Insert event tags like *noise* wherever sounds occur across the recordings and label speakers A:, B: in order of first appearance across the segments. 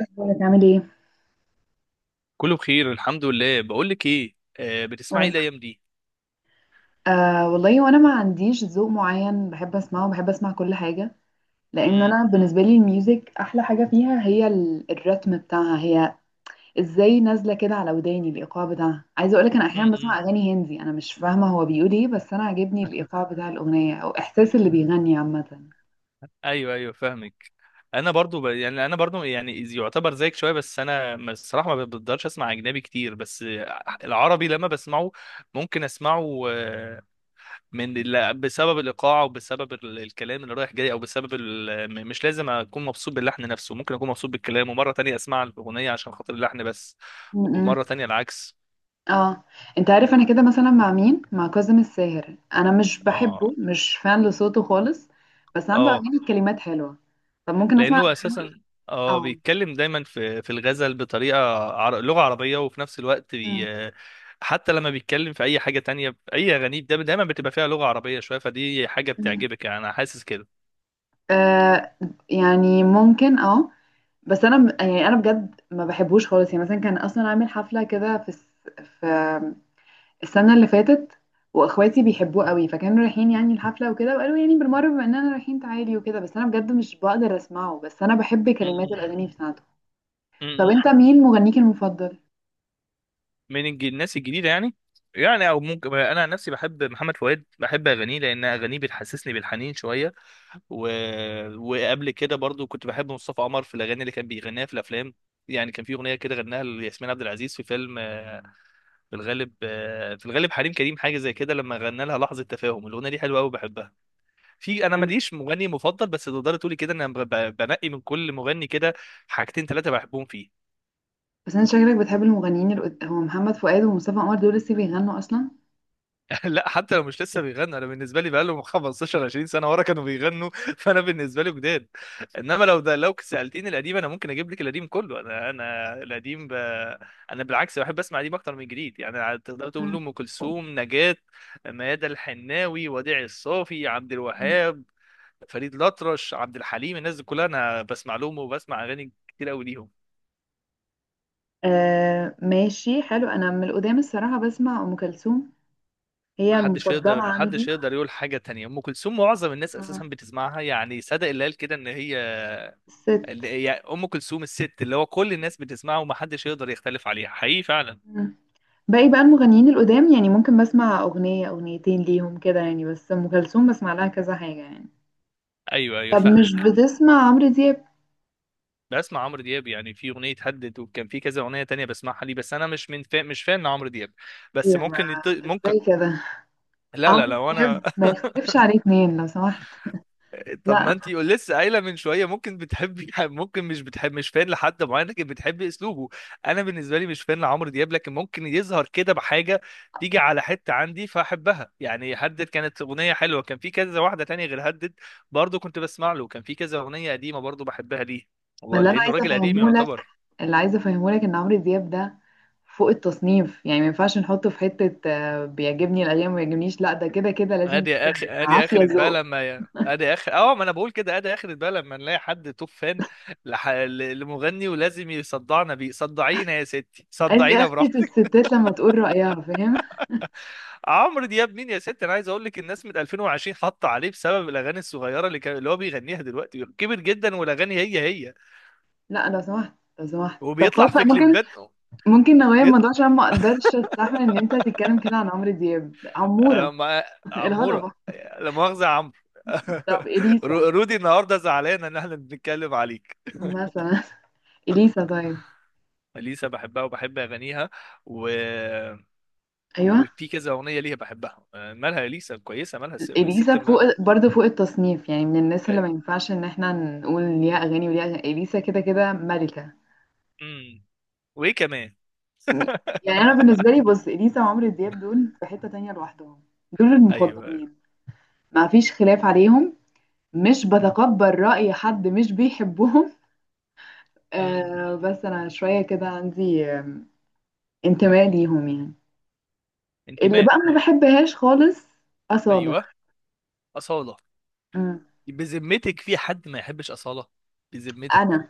A: اخبارك عامل ايه؟
B: كله بخير، الحمد لله. بقول لك ايه، بتسمعي ايه
A: قول.
B: الايام دي؟
A: آه والله، وانا ما عنديش ذوق معين، بحب اسمعه، بحب اسمع كل حاجه. لان
B: امم
A: انا بالنسبه لي الميوزك احلى حاجه فيها هي الرتم بتاعها، هي ازاي نازله كده على وداني، الايقاع بتاعها. عايزه اقولك، انا احيانا
B: امم
A: بسمع اغاني هندي، انا مش فاهمه هو بيقول ايه، بس انا عاجبني الايقاع بتاع الاغنيه او احساس اللي بيغني عامه.
B: ايوه، ايوه، فاهمك. انا برضو يعني يعتبر زيك شويه، بس انا الصراحه ما بقدرش اسمع اجنبي كتير، بس العربي لما بسمعه ممكن اسمعه. من لا، بسبب الايقاع وبسبب الكلام اللي رايح جاي، او بسبب مش لازم اكون مبسوط باللحن نفسه، ممكن اكون مبسوط بالكلام، ومره تانية اسمع الاغنيه عشان خاطر اللحن بس،
A: م- م.
B: ومره تانية العكس.
A: اه. انت عارف انا كده، مثلا مع مين؟ مع كاظم الساهر. انا مش بحبه،
B: اه،
A: مش فان لصوته خالص، بس عنده
B: اه،
A: اغاني كلمات حلوه. طب ممكن اسمع.
B: لانه اساسا اه
A: اه.
B: بيتكلم دايما في الغزل بطريقه لغه عربيه، وفي نفس الوقت
A: مم.
B: حتى لما بيتكلم في اي حاجه تانية في اي اغانيه، ده دايما بتبقى فيها لغه عربيه شويه، فدي حاجه
A: مم.
B: بتعجبك يعني، انا حاسس كده.
A: آه، يعني ممكن اه. بس انا يعني انا بجد ما بحبوش خالص. يعني مثلا كان اصلا عامل حفله كده في في السنه اللي فاتت، واخواتي بيحبوه قوي، فكانوا رايحين يعني الحفله وكده، وقالوا يعني بالمره بما اننا رايحين تعالي وكده، بس انا بجد مش بقدر اسمعه، بس انا بحب كلمات
B: م-
A: الاغاني بتاعته.
B: م-
A: طب
B: م-
A: انت مين مغنيك المفضل؟
B: من الناس الجديده يعني، يعني او ممكن، انا عن نفسي بحب محمد فؤاد، بحب اغانيه لان اغانيه بتحسسني بالحنين شويه. و... وقبل كده برضو كنت بحب مصطفى قمر في الاغاني اللي كان بيغنيها في الافلام، يعني كان في اغنيه كده غناها لياسمين عبد العزيز في فيلم، في الغالب، في الغالب حريم كريم، حاجه زي كده، لما غنى لها لحظه تفاهم. الاغنيه دي حلوه قوي، بحبها في. انا
A: مم.
B: ماليش مغني مفضل، بس تقدر تقولي كده انا بنقي من كل مغني كده حاجتين ثلاثه بحبهم فيه.
A: بس انت شكلك بتحب المغنيين هو محمد فؤاد ومصطفى قمر دول لسه بيغنوا اصلا؟
B: *laughs* لا، حتى لو مش لسه بيغنوا، انا بالنسبه لي بقالهم 15 20 سنه ورا كانوا بيغنوا *laughs* فانا بالنسبه لي جداد. انما لو سالتيني القديم، انا ممكن اجيب لك القديم كله. انا القديم. انا بالعكس بحب اسمع قديم اكتر من جديد، يعني تقدر تقول ام كلثوم، نجاة، ميادة الحناوي، وديع الصافي، عبد
A: مم.
B: الوهاب، فريد الأطرش، عبد الحليم، الناس دي كلها أنا بسمع لهم وبسمع أغاني كتير أوي ليهم.
A: آه ماشي حلو. انا من القدام الصراحه بسمع ام كلثوم، هي المفضله عندي.
B: محدش يقدر يقول حاجة تانية. أم كلثوم معظم الناس أساسا
A: آه،
B: بتسمعها، يعني صدق اللي قال كده إن هي
A: الست.
B: اللي هي أم كلثوم الست، اللي هو كل الناس بتسمعها، ومحدش يقدر يختلف عليها حقيقي فعلا.
A: مم. باقي بقى المغنيين القدام يعني ممكن بسمع اغنيه اغنيتين ليهم كده يعني، بس ام كلثوم بسمع لها كذا حاجه يعني.
B: أيوه، أيوه،
A: طب مش
B: فاهمك.
A: بتسمع عمرو دياب؟
B: بسمع عمرو دياب يعني، في أغنية هدد وكان في كذا أغنية تانية بسمعها ليه، بس أنا مش مش فان عمرو دياب،
A: إيه
B: بس
A: ده
B: ممكن
A: بقى؟ ازاي
B: ممكن.
A: كده؟
B: لا، لا،
A: عمرو
B: لا. وأنا
A: دياب ما يختلفش عليه اتنين لو سمحت.
B: طب
A: لا.
B: ما انتي لسه قايله من شويه ممكن بتحبي *laughs* ممكن مش بتحب، مش فان لحد معين لكن بتحبي اسلوبه. انا بالنسبه لي مش فان لعمرو دياب، لكن ممكن يظهر كده بحاجه تيجي على حته عندي فاحبها، يعني هدد كانت اغنيه حلوه، كان في كذا واحده تانية غير هدد برضو كنت بسمع له، كان في كذا اغنيه قديمه برضو بحبها ليه،
A: ما
B: هو
A: اللي انا
B: لانه
A: عايزه
B: راجل قديم
A: افهمه لك،
B: يعتبر.
A: اللي عايزه افهمه لك ان عمرو دياب ده فوق التصنيف. يعني ما ينفعش نحطه في حته، آه، بيعجبني الايام ما بيعجبنيش. لا، ده كده كده لازم تحبه،
B: ادي
A: عافيه
B: اخر بقى
A: ذوق.
B: لما ي- ادي اخر اه ما انا بقول كده ادي اخر بقى لما نلاقي حد توب فان لمغني ولازم يصدعنا بيه، صدعينا يا ستي،
A: ادي
B: صدعينا
A: اخرة
B: براحتك.
A: الستات لما تقول رايها، فاهم؟
B: *laughs* عمرو دياب مين يا ستي، انا عايز اقول لك الناس من 2020 حاطه عليه بسبب الاغاني الصغيره اللي كان اللي هو بيغنيها، دلوقتي كبر جدا والاغاني هي هي،
A: لا لو سمحت، لو سمحت. طب
B: وبيطلع
A: خلاص، لأ،
B: في
A: ممكن،
B: كليبات،
A: ممكن نغير
B: بيطلع
A: الموضوع عشان ما اقدرش استحمل ان انت تتكلم كده عن عمرو دياب، عموره.
B: مع
A: *laughs*
B: عموره.
A: الهضبه.
B: لا مؤاخذه يا عمرو. *laughs*
A: طب اليسا
B: رودي النهارده زعلان ان احنا بنتكلم عليه.
A: مثلا، اليسا طيب؟
B: اليسا بحبها وبحب اغانيها، و...
A: ايوه.
B: وفي كذا اغنيه ليها بحبها. مالها اليسا كويسه، مالها
A: اليسا
B: الست
A: فوق
B: ما...
A: برضه، فوق التصنيف، يعني من الناس اللي
B: آه،
A: ما ينفعش ان احنا نقول ليها اغاني وليها أغاني. اليسا كده كده ملكة.
B: مم، وايه كمان؟
A: يعني
B: *laughs*
A: انا بالنسبة لي، بص، اليسا وعمرو دياب دول في حتة تانية لوحدهم، دول
B: ايوه، أيوة.
A: المفضلين، ما فيش خلاف عليهم، مش بتقبل رأي حد مش بيحبهم. *laughs*
B: مم.
A: آه، بس انا شوية كده عندي انتماء ليهم يعني. اللي
B: انتماء.
A: بقى ما بحبهاش خالص، أصالة.
B: ايوه، اصاله.
A: مم.
B: بذمتك في حد ما يحبش اصاله؟ بذمتك.
A: انا،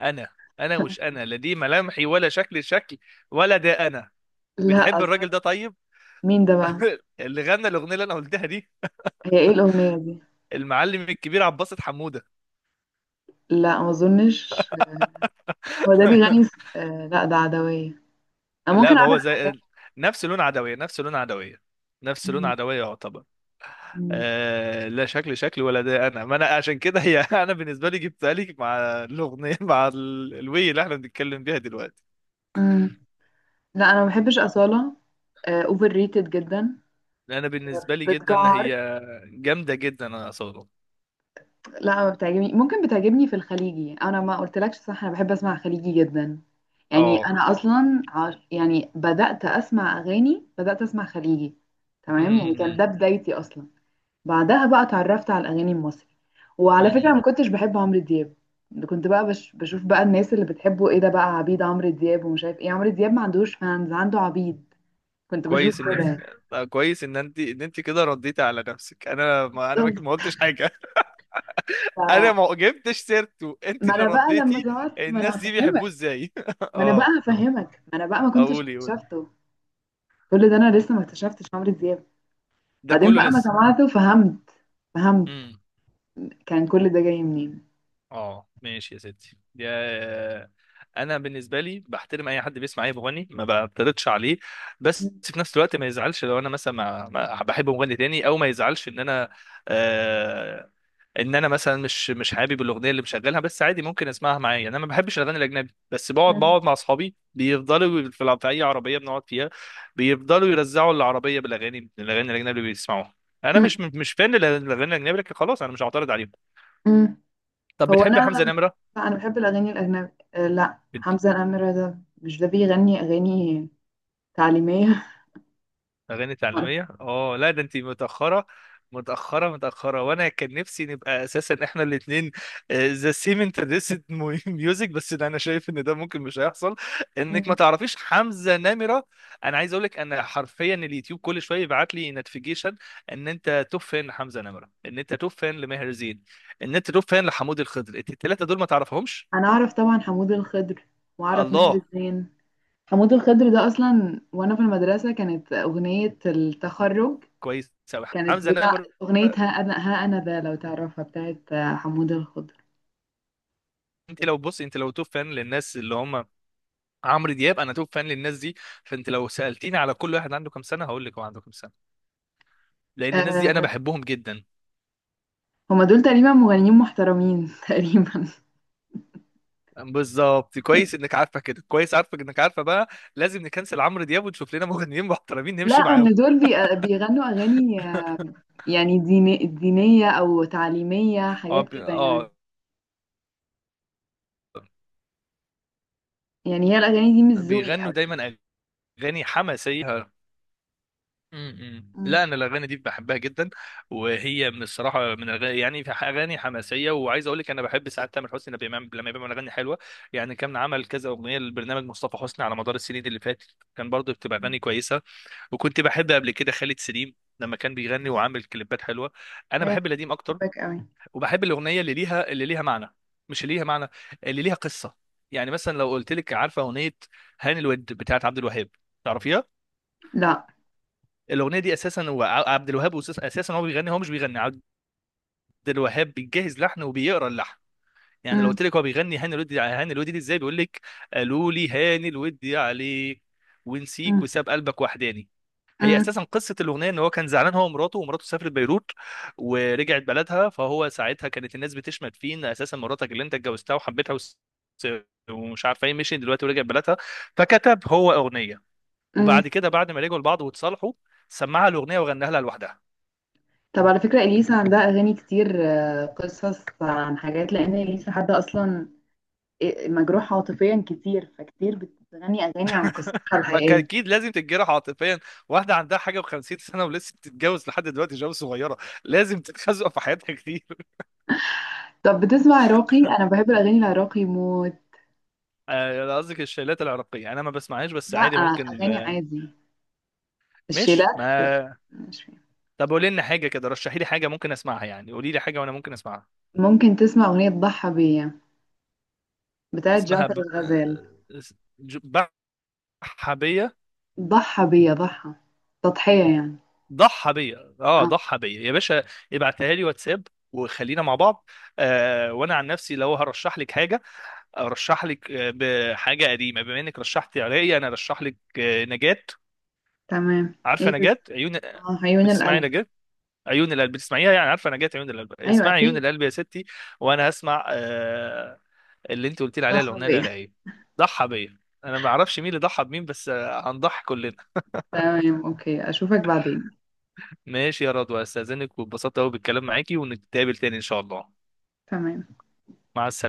B: انا، انا مش انا لا، دي ملامحي ولا شكل، ولا ده انا.
A: لا
B: بتحب الراجل
A: أصالة.
B: ده طيب؟
A: مين ده بقى؟
B: *laughs* اللي غنى الاغنيه اللي انا قلتها دي،
A: هي ايه الأغنية دي؟
B: المعلم الكبير عباس حموده.
A: لا ما اظنش. هو ده بيغني
B: *laughs*
A: آه لا ده عدوية. أنا
B: لا،
A: ممكن
B: ما هو
A: أعرف حاجات.
B: زي، نفس لون عدوية نفس لون عدوية نفس لون
A: مم.
B: عدوية يعتبر.
A: مم.
B: آه، لا شكل شكل، ولا ده انا، ما انا عشان كده هي، *laughs* انا بالنسبة لي جبتها لك مع الاغنية *laughs* مع الوي اللي احنا بنتكلم بيها دلوقتي.
A: مم. لا أنا ما بحبش أصالة، أوفر ريتد جدا،
B: انا بالنسبة لي جدا
A: بتجعر.
B: هي جامدة جدا، انا اصلا.
A: لا ما بتعجبني، ممكن بتعجبني في الخليجي. أنا ما قلتلكش، صح، أنا بحب أسمع خليجي جدا. يعني
B: اه.
A: أنا أصلا يعني بدأت أسمع أغاني، بدأت أسمع خليجي، تمام. يعني كان
B: أمم،
A: ده بدايتي أصلا. بعدها بقى اتعرفت على الاغاني المصري، وعلى فكره
B: أمم.
A: ما كنتش بحب عمرو دياب. كنت بقى بشوف بقى الناس اللي بتحبه، ايه ده بقى عبيد عمرو دياب ومش عارف ايه، عمرو دياب ما عندوش فانز، عنده عبيد. كنت بشوف
B: كويس انك،
A: كده،
B: كويس ان انت كده رديتي على نفسك، انا ما انا ما
A: بالظبط.
B: ما قلتش حاجة. *laughs* انا
A: ف-
B: ما جبتش سيرته، انت
A: ما
B: اللي
A: انا بقى لما
B: رديتي.
A: ظهرت، ما انا
B: الناس دي بيحبوه
A: هفهمك،
B: ازاي؟ *laughs*
A: ما انا بقى
B: اه،
A: هفهمك، ما انا بقى ما كنتش
B: اقولي، قولي.
A: اكتشفته. كل ده انا لسه ما اكتشفتش عمرو دياب.
B: ده
A: بعدين
B: كله
A: بقى ما
B: لسه.
A: سمعته فهمت، فهمت
B: امم،
A: كان كل ده جاي منين.
B: اه ماشي يا ستي يا، انا بالنسبه لي بحترم اي حد بيسمع اي مغني، ما بعترضش عليه، بس
A: م-
B: في نفس الوقت ما يزعلش لو انا مثلا بحب مغني تاني، او ما يزعلش ان انا آه، ان انا مثلا مش حابب الاغنيه اللي مشغلها، بس عادي ممكن اسمعها معايا، يعني انا ما بحبش الاغاني الاجنبي، بس بقعد
A: م-
B: بقعد مع اصحابي بيفضلوا في في اي عربيه بنقعد فيها بيفضلوا يرزعوا العربيه بالاغاني، الاجنبي اللي بيسمعوها. انا
A: م-
B: مش فان للاغاني الاجنبي، لكن خلاص انا مش هعترض عليهم.
A: م.
B: طب
A: هو انا
B: بتحب حمزه نمره؟
A: لا انا بحب الاغاني الاجنبي، آه، لا حمزة الأميرة ده، مش ده بيغني اغاني تعليمية.
B: اغاني
A: *laughs*
B: تعليميه، اه لا، ده انت متاخره، متاخره، متاخره، وانا كان نفسي نبقى اساسا احنا الاثنين ذا سيم انترستد ميوزك، *laughs* بس ده انا شايف ان ده ممكن مش هيحصل، انك ما
A: مم.
B: تعرفيش حمزه نمره. انا عايز اقول لك، انا حرفيا اليوتيوب كل شويه يبعت لي نوتيفيكيشن ان انت توب فان لحمزه نمره، ان انت توب فان لماهر زين، ان انت توب فان لحمود الخضر. انت الثلاثه دول ما تعرفهمش؟
A: انا اعرف طبعا حمود الخضر واعرف ماهر
B: الله،
A: الزين. حمود الخضر ده اصلا وانا في المدرسة كانت اغنية التخرج،
B: كويس قوي
A: كانت
B: حمزه
A: بتاع
B: نمره.
A: اغنية ها انا، ها انا ده لو تعرفها، بتاعت آه، حمود الخضر.
B: انت لو بص، انت لو توب فان للناس اللي هم عمرو دياب، انا توب فان للناس دي، فانت لو سالتيني على كل واحد عنده كام سنه هقول لك هو عنده كام سنه، لان الناس دي انا
A: أه،
B: بحبهم جدا.
A: هما دول تقريبا مغنيين محترمين، *laughs* تقريبا.
B: بالظبط، كويس انك عارفه كده، كويس عارفك انك عارفه بقى، لازم نكنسل عمرو دياب ونشوف لنا مغنيين *laughs* محترمين
A: لا،
B: نمشي معاهم.
A: ان دول بيغنوا اغاني آه،
B: *laughs*
A: يعني دينية او تعليمية،
B: اه
A: حاجات كده يعني.
B: اه،
A: يعني هي الأغاني دي مش ذوقي
B: بيغنوا
A: أوي.
B: دايما اغاني حماسيه. امم، لا
A: مم.
B: انا الاغاني دي بحبها جدا، وهي من الصراحه من اغاني، يعني في اغاني حماسيه، وعايز اقول لك انا بحب ساعات تامر حسني لما بيعمل اغاني حلوه، يعني كان عمل كذا اغنيه لبرنامج مصطفى حسني على مدار السنين اللي فاتت، كان برضه بتبقى اغاني كويسه. وكنت بحب قبل كده خالد سليم لما كان بيغني وعامل كليبات حلوه. انا
A: هي
B: بحب القديم اكتر،
A: هتحبك أوي.
B: وبحب الاغنيه اللي ليها اللي ليها معنى مش اللي ليها معنى، اللي ليها قصه. يعني مثلا لو قلت لك عارفه اغنيه هاني الود بتاعت عبد الوهاب، تعرفيها؟
A: لا.
B: الاغنيه دي اساسا هو عبد الوهاب اساسا هو بيغني، هو مش بيغني، عبد الوهاب بيجهز لحن وبيقرا اللحن، يعني لو
A: مم.
B: قلت لك هو بيغني هاني الودي، هاني الودي دي ازاي؟ بيقول لك قالوا لي هاني الودي عليك، ونسيك
A: مم.
B: وساب قلبك وحداني. هي
A: مم.
B: اساسا قصه الاغنيه ان هو كان زعلان هو ومراته، ومراته سافرت بيروت ورجعت بلدها، فهو ساعتها كانت الناس بتشمت فيه ان اساسا مراتك اللي انت اتجوزتها وحبيتها ومش عارفه ايه، مشي دلوقتي ورجعت بلدها، فكتب هو اغنيه،
A: مم.
B: وبعد كده بعد ما رجعوا لبعض واتصالحوا سمعها الاغنيه وغناها لها لوحدها.
A: طب على فكرة، إليسا عندها أغاني كتير آه، قصص عن حاجات، لأن إليسا حد أصلا مجروح عاطفيا كتير، فكتير بتغني أغاني عن قصتها
B: ما كان
A: الحقيقية.
B: اكيد لازم تتجرح عاطفيا، واحده عندها حاجه و50 سنه ولسه بتتجوز لحد دلوقتي جواز صغيره، لازم تتخزق في حياتها كتير.
A: طب بتسمع عراقي؟ أنا بحب الأغاني العراقي موت.
B: آه، أنا قصدك الشيلات العراقيه انا ما بسمعهاش، بس
A: لا،
B: عادي ممكن.
A: أغاني
B: آه،
A: عادي،
B: مش
A: الشيلات
B: ما
A: مش فاهم.
B: طب قولي لنا حاجه كده، رشحي لي حاجه ممكن اسمعها، يعني قولي لي حاجه وانا ممكن اسمعها.
A: ممكن تسمع أغنية ضحى بيا، بتاعت
B: اسمها
A: جعفر
B: ب...
A: الغزال.
B: آه، اس- ج- بحبيه،
A: ضحى بيا، ضحى تضحية يعني.
B: ضحى بيا، اه
A: آه.
B: ضحى بيا يا باشا، ابعتها لي واتساب وخلينا مع بعض. آه وانا عن نفسي لو هرشح لك حاجه، ارشح لك بحاجه قديمه، بما انك رشحتي عراقي انا ارشح لك نجاة.
A: تمام.
B: عارفه
A: ايه ده؟
B: نجاة عيون؟
A: اه عيون
B: بتسمعي
A: القلب.
B: نجاة عيون القلب؟ بتسمعيها؟ يعني عارفه نجاة عيون القلب،
A: ايوه
B: اسمعي عيون
A: اكيد،
B: القلب يا ستي، وانا هسمع آه اللي انت قلت لي
A: ده
B: عليها الاغنيه
A: حبيبي.
B: العراقيه ضحى بيا. انا ما اعرفش مين اللي ضحى بمين، بس آه، هنضحي كلنا.
A: تمام، اوكي، اشوفك بعدين.
B: ماشي يا رضوى، استاذنك واتبسطت قوي بالكلام معاكي، ونتقابل تاني ان شاء الله.
A: تمام.
B: مع السلامة.